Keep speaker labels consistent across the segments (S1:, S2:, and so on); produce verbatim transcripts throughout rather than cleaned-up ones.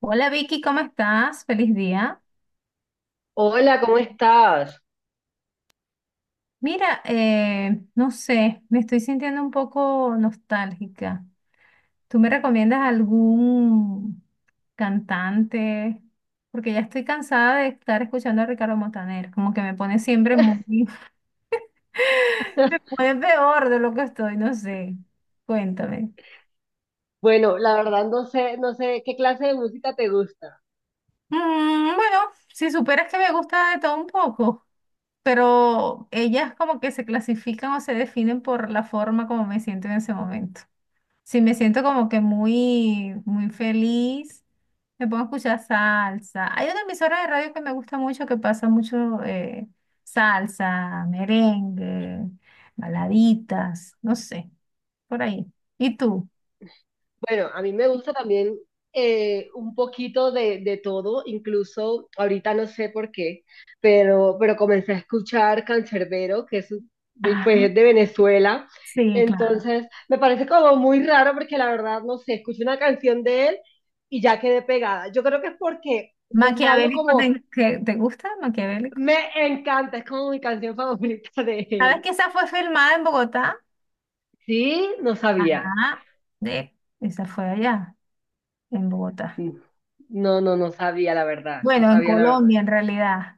S1: Hola Vicky, ¿cómo estás? Feliz día.
S2: Hola, ¿cómo estás?
S1: Mira, eh, no sé, me estoy sintiendo un poco nostálgica. ¿Tú me recomiendas algún cantante? Porque ya estoy cansada de estar escuchando a Ricardo Montaner, como que me pone siempre muy... Me pone peor de lo que estoy, no sé. Cuéntame.
S2: Bueno, la verdad no sé, no sé qué clase de música te gusta.
S1: Mm, bueno, si superas que me gusta de todo un poco. Pero ellas como que se clasifican o se definen por la forma como me siento en ese momento. Si me siento como que muy, muy feliz, me pongo a escuchar salsa. Hay una emisora de radio que me gusta mucho, que pasa mucho eh, salsa, merengue, baladitas, no sé, por ahí. ¿Y tú?
S2: Bueno, a mí me gusta también eh, un poquito de, de todo, incluso ahorita no sé por qué, pero, pero comencé a escuchar Cancerbero, que es, un- pues,
S1: Ah,
S2: es de Venezuela.
S1: sí, claro.
S2: Entonces, me parece como muy raro porque la verdad no sé, escuché una canción de él y ya quedé pegada. Yo creo que es porque, pues es algo
S1: ¿Maquiavélico
S2: como,
S1: te, que- te gusta? ¿Maquiavélico?
S2: me encanta, es como mi canción favorita de
S1: ¿Sabes
S2: él.
S1: que esa fue filmada en Bogotá?
S2: Sí, no sabía.
S1: Ah, de, esa fue allá. En Bogotá.
S2: Mm, No, no, no sabía la verdad, no
S1: Bueno, en
S2: sabía la verdad.
S1: Colombia en realidad,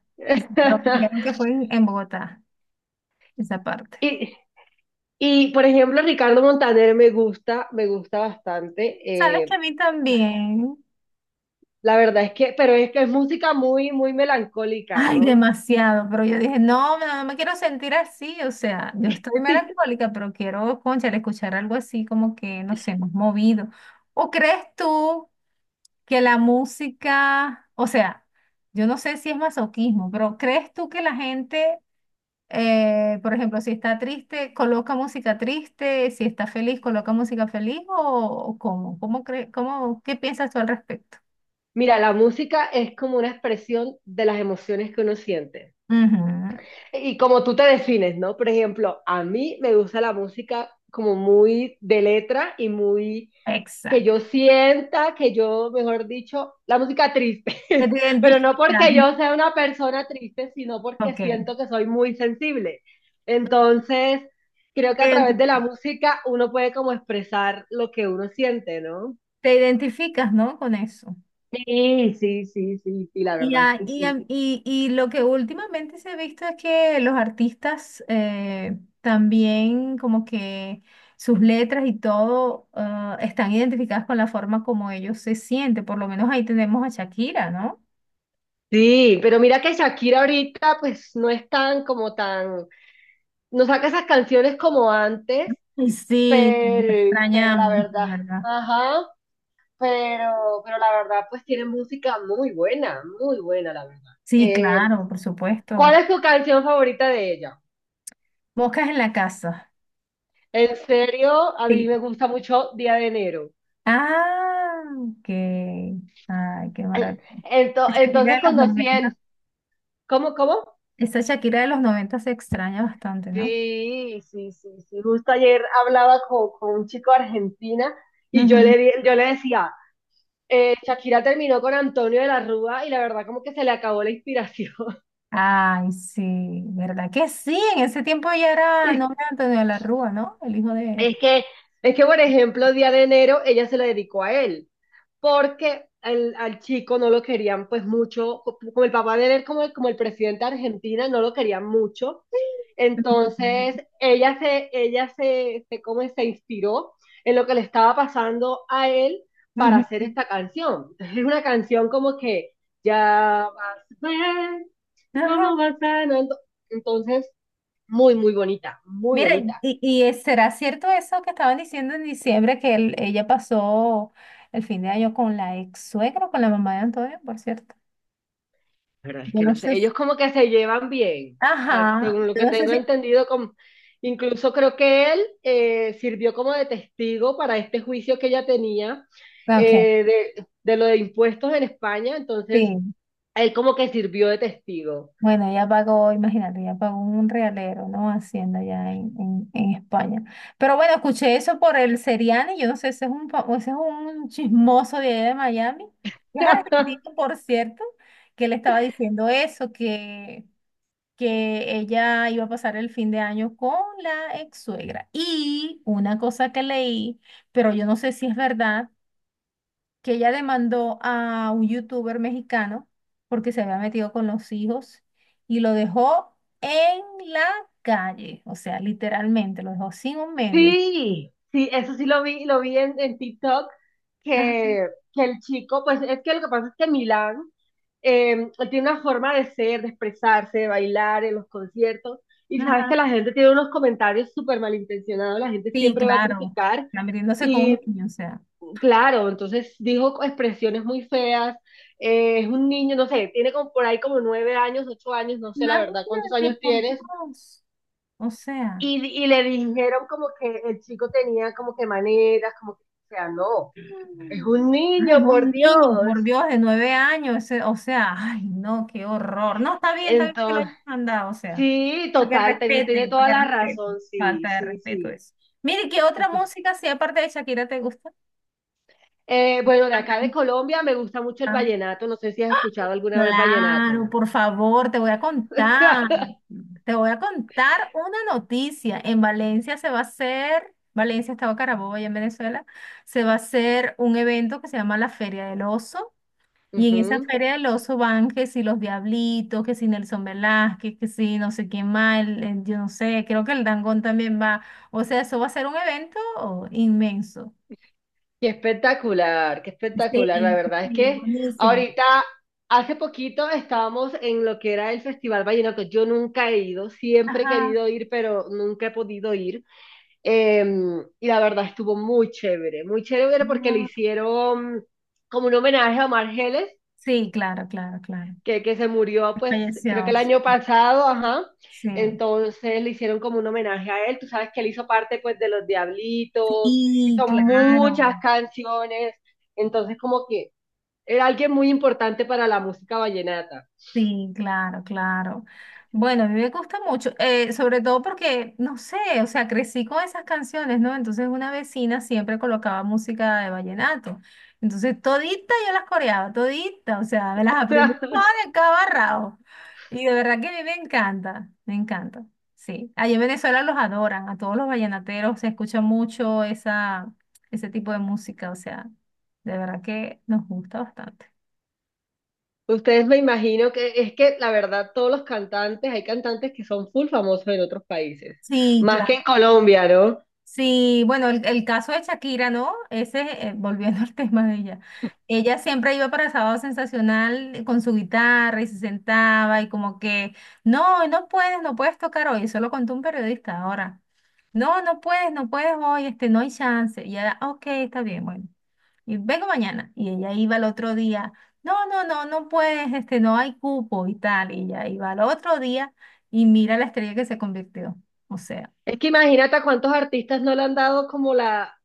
S1: pero me dijeron que fue en, en Bogotá, esa parte.
S2: Y, y, por ejemplo, Ricardo Montaner me gusta, me gusta
S1: Sabes
S2: bastante.
S1: que a
S2: eh,
S1: mí también,
S2: la verdad es que, pero es que es música muy, muy melancólica,
S1: ay,
S2: ¿no?
S1: demasiado, pero yo dije, no, no, no me quiero sentir así, o sea, yo estoy melancólica, pero quiero, cónchale, escuchar algo así como que, no sé, más movido. ¿O crees tú que la música, o sea, yo no sé si es masoquismo, pero crees tú que la gente Eh, por ejemplo, si está triste, coloca música triste, si está feliz, coloca música feliz o, o cómo, cómo cre- cómo, ¿qué piensas tú al respecto?
S2: Mira, la música es como una expresión de las emociones que uno siente.
S1: Ujú.
S2: Y como tú te defines, ¿no? Por ejemplo, a mí me gusta la música como muy de letra y muy que
S1: Exacto.
S2: yo sienta, que yo, mejor dicho, la música triste,
S1: Que te
S2: pero no
S1: identificas.
S2: porque yo sea una persona triste, sino porque
S1: Ok.
S2: siento que soy muy sensible. Entonces, creo que
S1: Te
S2: a través de
S1: identi-
S2: la música uno puede como expresar lo que uno siente, ¿no?
S1: te identificas, ¿no? Con eso.
S2: Sí, sí, sí, sí, sí, la
S1: Y,
S2: verdad es
S1: a-
S2: que
S1: y, a-
S2: sí.
S1: y- y lo que últimamente se ha visto es que los artistas eh, también como que sus letras y todo ah, están identificadas con la forma como ellos se sienten. Por lo menos ahí tenemos a Shakira, ¿no?
S2: Sí, pero mira que Shakira ahorita pues no es tan como tan no saca esas canciones como antes,
S1: Y sí, la
S2: pero, pero la
S1: extrañamos,
S2: verdad,
S1: ¿verdad?
S2: ajá, pero, pero la verdad, pues tiene música muy buena, muy buena, la verdad.
S1: Sí,
S2: Eh,
S1: claro, por
S2: ¿cuál
S1: supuesto.
S2: es tu canción favorita de ella?
S1: Moscas en la casa.
S2: En serio, a mí
S1: Sí.
S2: me gusta mucho Día de Enero.
S1: Ah, ok. Ay, qué maravilla.
S2: Ento-
S1: Shakira
S2: entonces
S1: de los
S2: conocí
S1: noventa.
S2: en... ¿Cómo, cómo?
S1: Esa Shakira de los noventa se extraña bastante, ¿no?
S2: Sí, sí, sí, sí. Justo ayer hablaba con, con un chico de Argentina y yo
S1: Ujú.
S2: le, di- yo le decía, eh, Shakira terminó con Antonio de la Rúa y la verdad como que se le acabó la inspiración.
S1: Ay, sí, ¿verdad que sí? En ese tiempo ya era nombre de Antonio de la Rúa, ¿no? El hijo de...
S2: Es que, es que, por ejemplo, Día de Enero ella se lo dedicó a él, porque el- al chico no lo querían pues mucho, co- como el papá de él, como el, como el presidente de Argentina, no lo querían mucho. Entonces, ella se, ella se, se, como se inspiró en lo que le estaba pasando a él para
S1: Ujú.
S2: hacer esta canción. Entonces, es una canción como que ya vas a ver.
S1: Ajá.
S2: ¿Cómo va sanando? Entonces, muy, muy bonita, muy
S1: Mira,
S2: bonita.
S1: y, y es- será cierto eso que estaban diciendo en diciembre, que él- ella pasó el fin de año con la ex suegra, con la mamá de Antonio, por cierto.
S2: Pero es
S1: Yo
S2: que
S1: no
S2: no sé,
S1: sé si-
S2: ellos como que se llevan bien. O sea,
S1: Ajá,
S2: según lo
S1: yo
S2: que
S1: no sé
S2: tengo
S1: si...
S2: entendido, como- incluso creo que él, eh, sirvió como de testigo para este juicio que ella tenía,
S1: Ok,
S2: eh, de, de lo de impuestos en España. Entonces,
S1: sí.
S2: él como que sirvió de testigo.
S1: Bueno, ella pagó, imagínate, ella pagó un realero, ¿no? Hacienda allá en, en, en España. Pero bueno, escuché eso por el Seriani, yo no sé, ese es un, fa- ese es un chismoso de allá de Miami, que es argentino, por cierto, que le estaba diciendo eso, que, que ella iba a pasar el fin de año con la ex suegra. Y una cosa que leí, pero yo no sé si es verdad que ella demandó a un youtuber mexicano porque se había metido con los hijos y lo dejó en la calle, o sea, literalmente, lo dejó sin un medio.
S2: Sí, sí, eso sí lo vi, lo vi en, en TikTok,
S1: Ajá.
S2: que, que el chico, pues es que lo que pasa es que Milán, eh, él tiene una forma de ser, de expresarse, de bailar en los conciertos, y sabes
S1: Ajá.
S2: que la gente tiene unos comentarios súper malintencionados, la gente
S1: Sí,
S2: siempre va a
S1: claro.
S2: criticar,
S1: Está metiéndose con
S2: y
S1: un niño, o sea.
S2: claro, entonces dijo expresiones muy feas, eh, es un niño, no sé, tiene como por ahí como nueve años, ocho años, no sé la verdad cuántos
S1: Imagínate,
S2: años
S1: por
S2: tienes,
S1: Dios. O sea.
S2: y, y le dijeron como que el chico tenía como que maneras, como que, o sea, no, es un
S1: Ay,
S2: niño, por
S1: un niño, por
S2: Dios.
S1: Dios, de nueve años, ese- o sea, ay, no, qué horror. No, está bien, está bien que lo
S2: Entonces,
S1: hayan mandado, o sea,
S2: sí,
S1: para que
S2: total, tiene, tiene
S1: respete, para
S2: toda
S1: que
S2: la
S1: respete.
S2: razón, sí,
S1: Falta de
S2: sí,
S1: respeto
S2: sí.
S1: eso. Mire, ¿qué otra
S2: Entonces,
S1: música, si aparte de Shakira, te gusta?
S2: eh, bueno, de acá de Colombia me gusta mucho el
S1: Ah,
S2: vallenato, no sé si has escuchado alguna vez vallenato.
S1: claro, por favor, te voy a contar, te voy a contar una noticia. En Valencia se va a hacer, Valencia, Estado Carabobo, allá en Venezuela, se va a hacer un evento que se llama la Feria del Oso. Y en esa
S2: Ujú.
S1: feria del oso van que si los Diablitos, que si Nelson Velázquez, que si no sé quién más, el- el- yo no sé, creo que el Dangond también va. O sea, eso va a ser un evento inmenso.
S2: Qué espectacular, qué espectacular. La
S1: Sí,
S2: verdad es
S1: sí,
S2: que
S1: buenísimo.
S2: ahorita, hace poquito estábamos en lo que era el Festival Vallenato. Yo nunca he ido, siempre he
S1: Ajá.
S2: querido ir, pero nunca he podido ir. Eh, y la verdad estuvo muy chévere, muy chévere porque le
S1: Ajá.
S2: hicieron como un homenaje a Omar Geles
S1: Sí, claro, claro, claro.
S2: que, que se murió, pues creo que
S1: Falleció.
S2: el año pasado, ajá.
S1: Sí,
S2: Entonces le hicieron como un homenaje a él. Tú sabes que él hizo parte pues de Los Diablitos,
S1: sí,
S2: hizo
S1: claro.
S2: muchas canciones. Entonces como que era alguien muy importante para la música vallenata.
S1: Sí, claro, claro. Bueno, a mí me gusta mucho, eh, sobre todo porque, no sé, o sea, crecí con esas canciones, ¿no? Entonces una vecina siempre colocaba música de vallenato. Entonces todita yo las coreaba, todita, o sea, me las aprendí todas de cabo a rabo. Y de verdad que a mí me encanta, me encanta. Sí, allá en Venezuela los adoran, a todos los vallenateros se escucha mucho esa, ese tipo de música, o sea, de verdad que nos gusta bastante.
S2: Ustedes me imagino que es que la verdad todos los cantantes, hay cantantes que son full famosos en otros países,
S1: Sí,
S2: más
S1: claro.
S2: que en Colombia, ¿no?
S1: Sí, bueno, el, el caso de Shakira, ¿no? Ese, eh, volviendo al tema de ella. Ella siempre iba para Sábado Sensacional eh, con su guitarra y se sentaba y como que, no, hoy no puedes, no puedes tocar hoy. Eso lo contó un periodista ahora. No, no puedes, no puedes hoy, este, no hay chance. Y ella, ok, está bien, bueno. Y vengo mañana. Y ella iba al otro día. No, no, no, no puedes, este, no hay cupo y tal. Y ella iba al otro día y mira la estrella que se convirtió. O sea,
S2: Es que imagínate a cuántos artistas no le han dado como la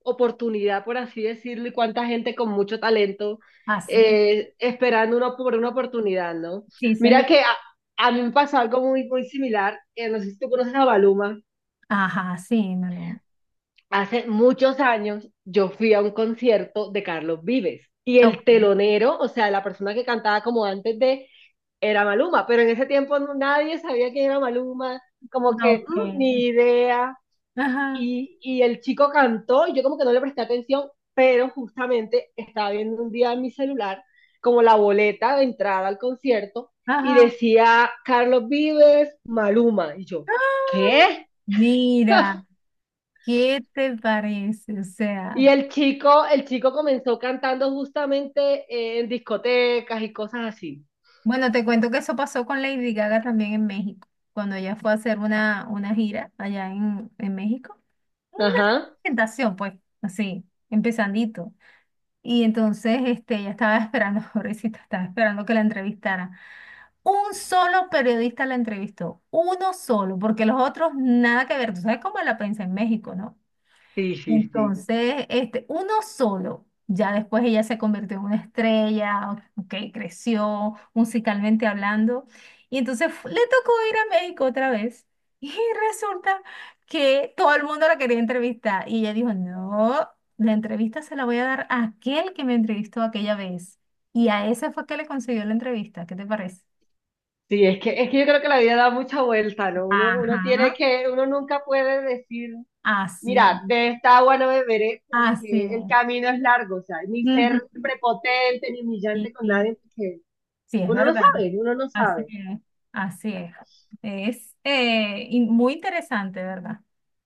S2: oportunidad, por así decirlo, y cuánta gente con mucho talento,
S1: así es.
S2: eh, esperando una, por una oportunidad, ¿no?
S1: Sí.
S2: Mira que a, a mí me pasó algo muy, muy similar. eh, no sé si tú conoces a Maluma.
S1: Ajá, sí, no, no.
S2: Hace muchos años yo fui a un concierto de Carlos Vives y
S1: Oh,
S2: el telonero, o sea, la persona que cantaba como antes de, era Maluma, pero en ese tiempo no- nadie sabía quién era Maluma, como que mm,
S1: ok.
S2: ni idea.
S1: Ajá,
S2: Y, y el chico cantó y yo como que no le presté atención, pero justamente estaba viendo un día en mi celular como la boleta de entrada al concierto y
S1: ajá.
S2: decía Carlos Vives, Maluma. Y yo,
S1: ¡Ah!
S2: ¿qué?
S1: Mira, ¿qué te parece? O sea,
S2: Y el chico, el chico comenzó cantando justamente eh, en discotecas y cosas así.
S1: bueno, te cuento que eso pasó con Lady Gaga también en México, cuando ella fue a hacer una, una gira allá en, en México. Una
S2: Ajá.
S1: presentación, pues, así, empezandito. Y entonces, este, ella estaba esperando, pobrecita, estaba esperando que la entrevistara. Un solo periodista la entrevistó, uno solo, porque los otros nada que ver. Tú sabes cómo es la prensa en México, ¿no?
S2: Sí, sí, sí.
S1: Entonces, este, uno solo. Ya después ella se convirtió en una estrella, ok, creció musicalmente hablando. Y entonces fu- le tocó ir a México otra vez. Y resulta que todo el mundo la quería entrevistar. Y ella dijo, no, la entrevista se la voy a dar a aquel que me entrevistó aquella vez. Y a ese fue que le consiguió la entrevista. ¿Qué te parece?
S2: Sí, es que, es que yo creo que la vida da mucha vuelta, ¿no? Uno, uno tiene
S1: Ajá,
S2: que, uno nunca puede decir
S1: así es,
S2: mira, de esta agua no beberé
S1: así
S2: porque el
S1: es.
S2: camino es largo, o sea, ni ser
S1: Ujú.
S2: prepotente ni humillante
S1: Y,
S2: con
S1: y
S2: nadie, porque
S1: sí, es
S2: uno no
S1: verdad,
S2: sabe, uno no
S1: así
S2: sabe.
S1: es, así es. Es eh, in- muy interesante, ¿verdad?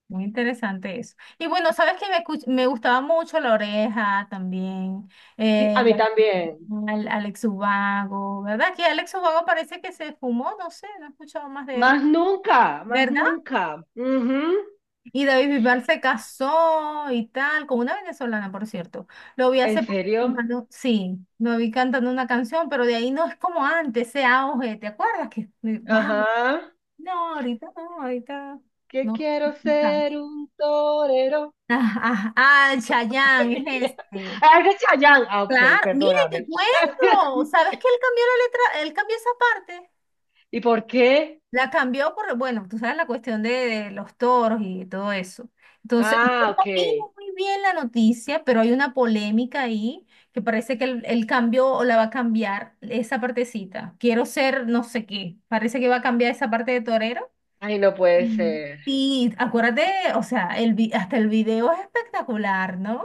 S1: Muy interesante eso. Y bueno, sabes que me, escuch- me gustaba mucho La Oreja también,
S2: Sí,
S1: eh,
S2: a mí también.
S1: al- Alex Ubago, ¿verdad? Que Alex Ubago parece que se fumó, no sé, no he escuchado más de él,
S2: Más nunca, más
S1: ¿verdad?
S2: nunca. Ujú.
S1: Y David Bisbal se casó y tal, con una venezolana, por cierto. Lo vi hace
S2: ¿En
S1: poco
S2: serio?
S1: cantando, sí, lo vi cantando una canción, pero de ahí no es como antes, ese auge, ¿te acuerdas? Que,
S2: Ajá.
S1: wow, no, ahorita no, ahorita
S2: Que
S1: no.
S2: quiero ser un torero.
S1: Ah, ah, ah, Chayanne
S2: Ay,
S1: es este.
S2: ah, es de Chayanne. Ah, ok,
S1: Claro, mire, te
S2: perdóname.
S1: cuento. ¿Sabes que él cambió la letra? Él cambió esa parte.
S2: ¿Y por qué?
S1: La cambió por, bueno, tú sabes la cuestión de, de los toros y todo eso. Entonces, yo
S2: Ah, ok.
S1: no vi muy bien la noticia, pero hay una polémica ahí que parece que él, él cambió o la va a cambiar esa partecita. Quiero ser no sé qué. Parece que va a cambiar esa parte de torero.
S2: Ay, no puede
S1: Mm.
S2: ser.
S1: Y acuérdate, o sea, el, vi- hasta el video es espectacular, ¿no?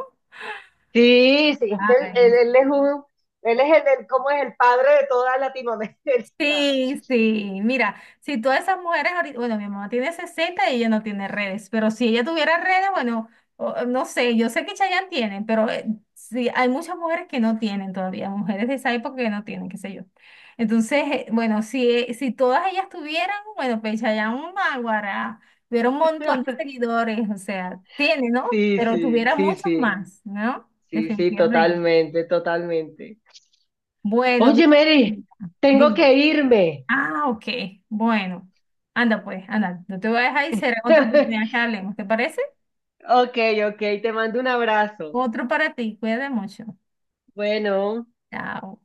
S2: Sí, sí, es que él, él- él es un, él es el, el- ¿cómo es? El padre de toda Latinoamérica.
S1: Sí, sí, mira, si todas esas mujeres ahorita, bueno, mi mamá tiene sesenta y ella no tiene redes, pero si ella tuviera redes, bueno, o- no sé, yo sé que Chayanne tiene, pero eh, sí, hay muchas mujeres que no tienen todavía, mujeres de esa época que no tienen, qué sé yo. Entonces, eh, bueno, si, eh, si todas ellas tuvieran, bueno, pues Chayanne Mágara tuviera un montón de seguidores, o sea, tiene, ¿no?
S2: Sí,
S1: Pero
S2: sí,
S1: tuviera
S2: sí,
S1: muchos
S2: sí,
S1: más, ¿no?
S2: sí, sí,
S1: Definitivamente.
S2: totalmente, totalmente.
S1: Bueno,
S2: Oye,
S1: vi-
S2: Mary, tengo
S1: dime.
S2: que irme.
S1: Ah, ok. Bueno, anda pues, anda. No te voy a dejar y será otra oportunidad que hablemos. ¿Te parece?
S2: Ok, ok, te mando un abrazo.
S1: Otro para ti. Cuídate mucho.
S2: Bueno.
S1: Chao.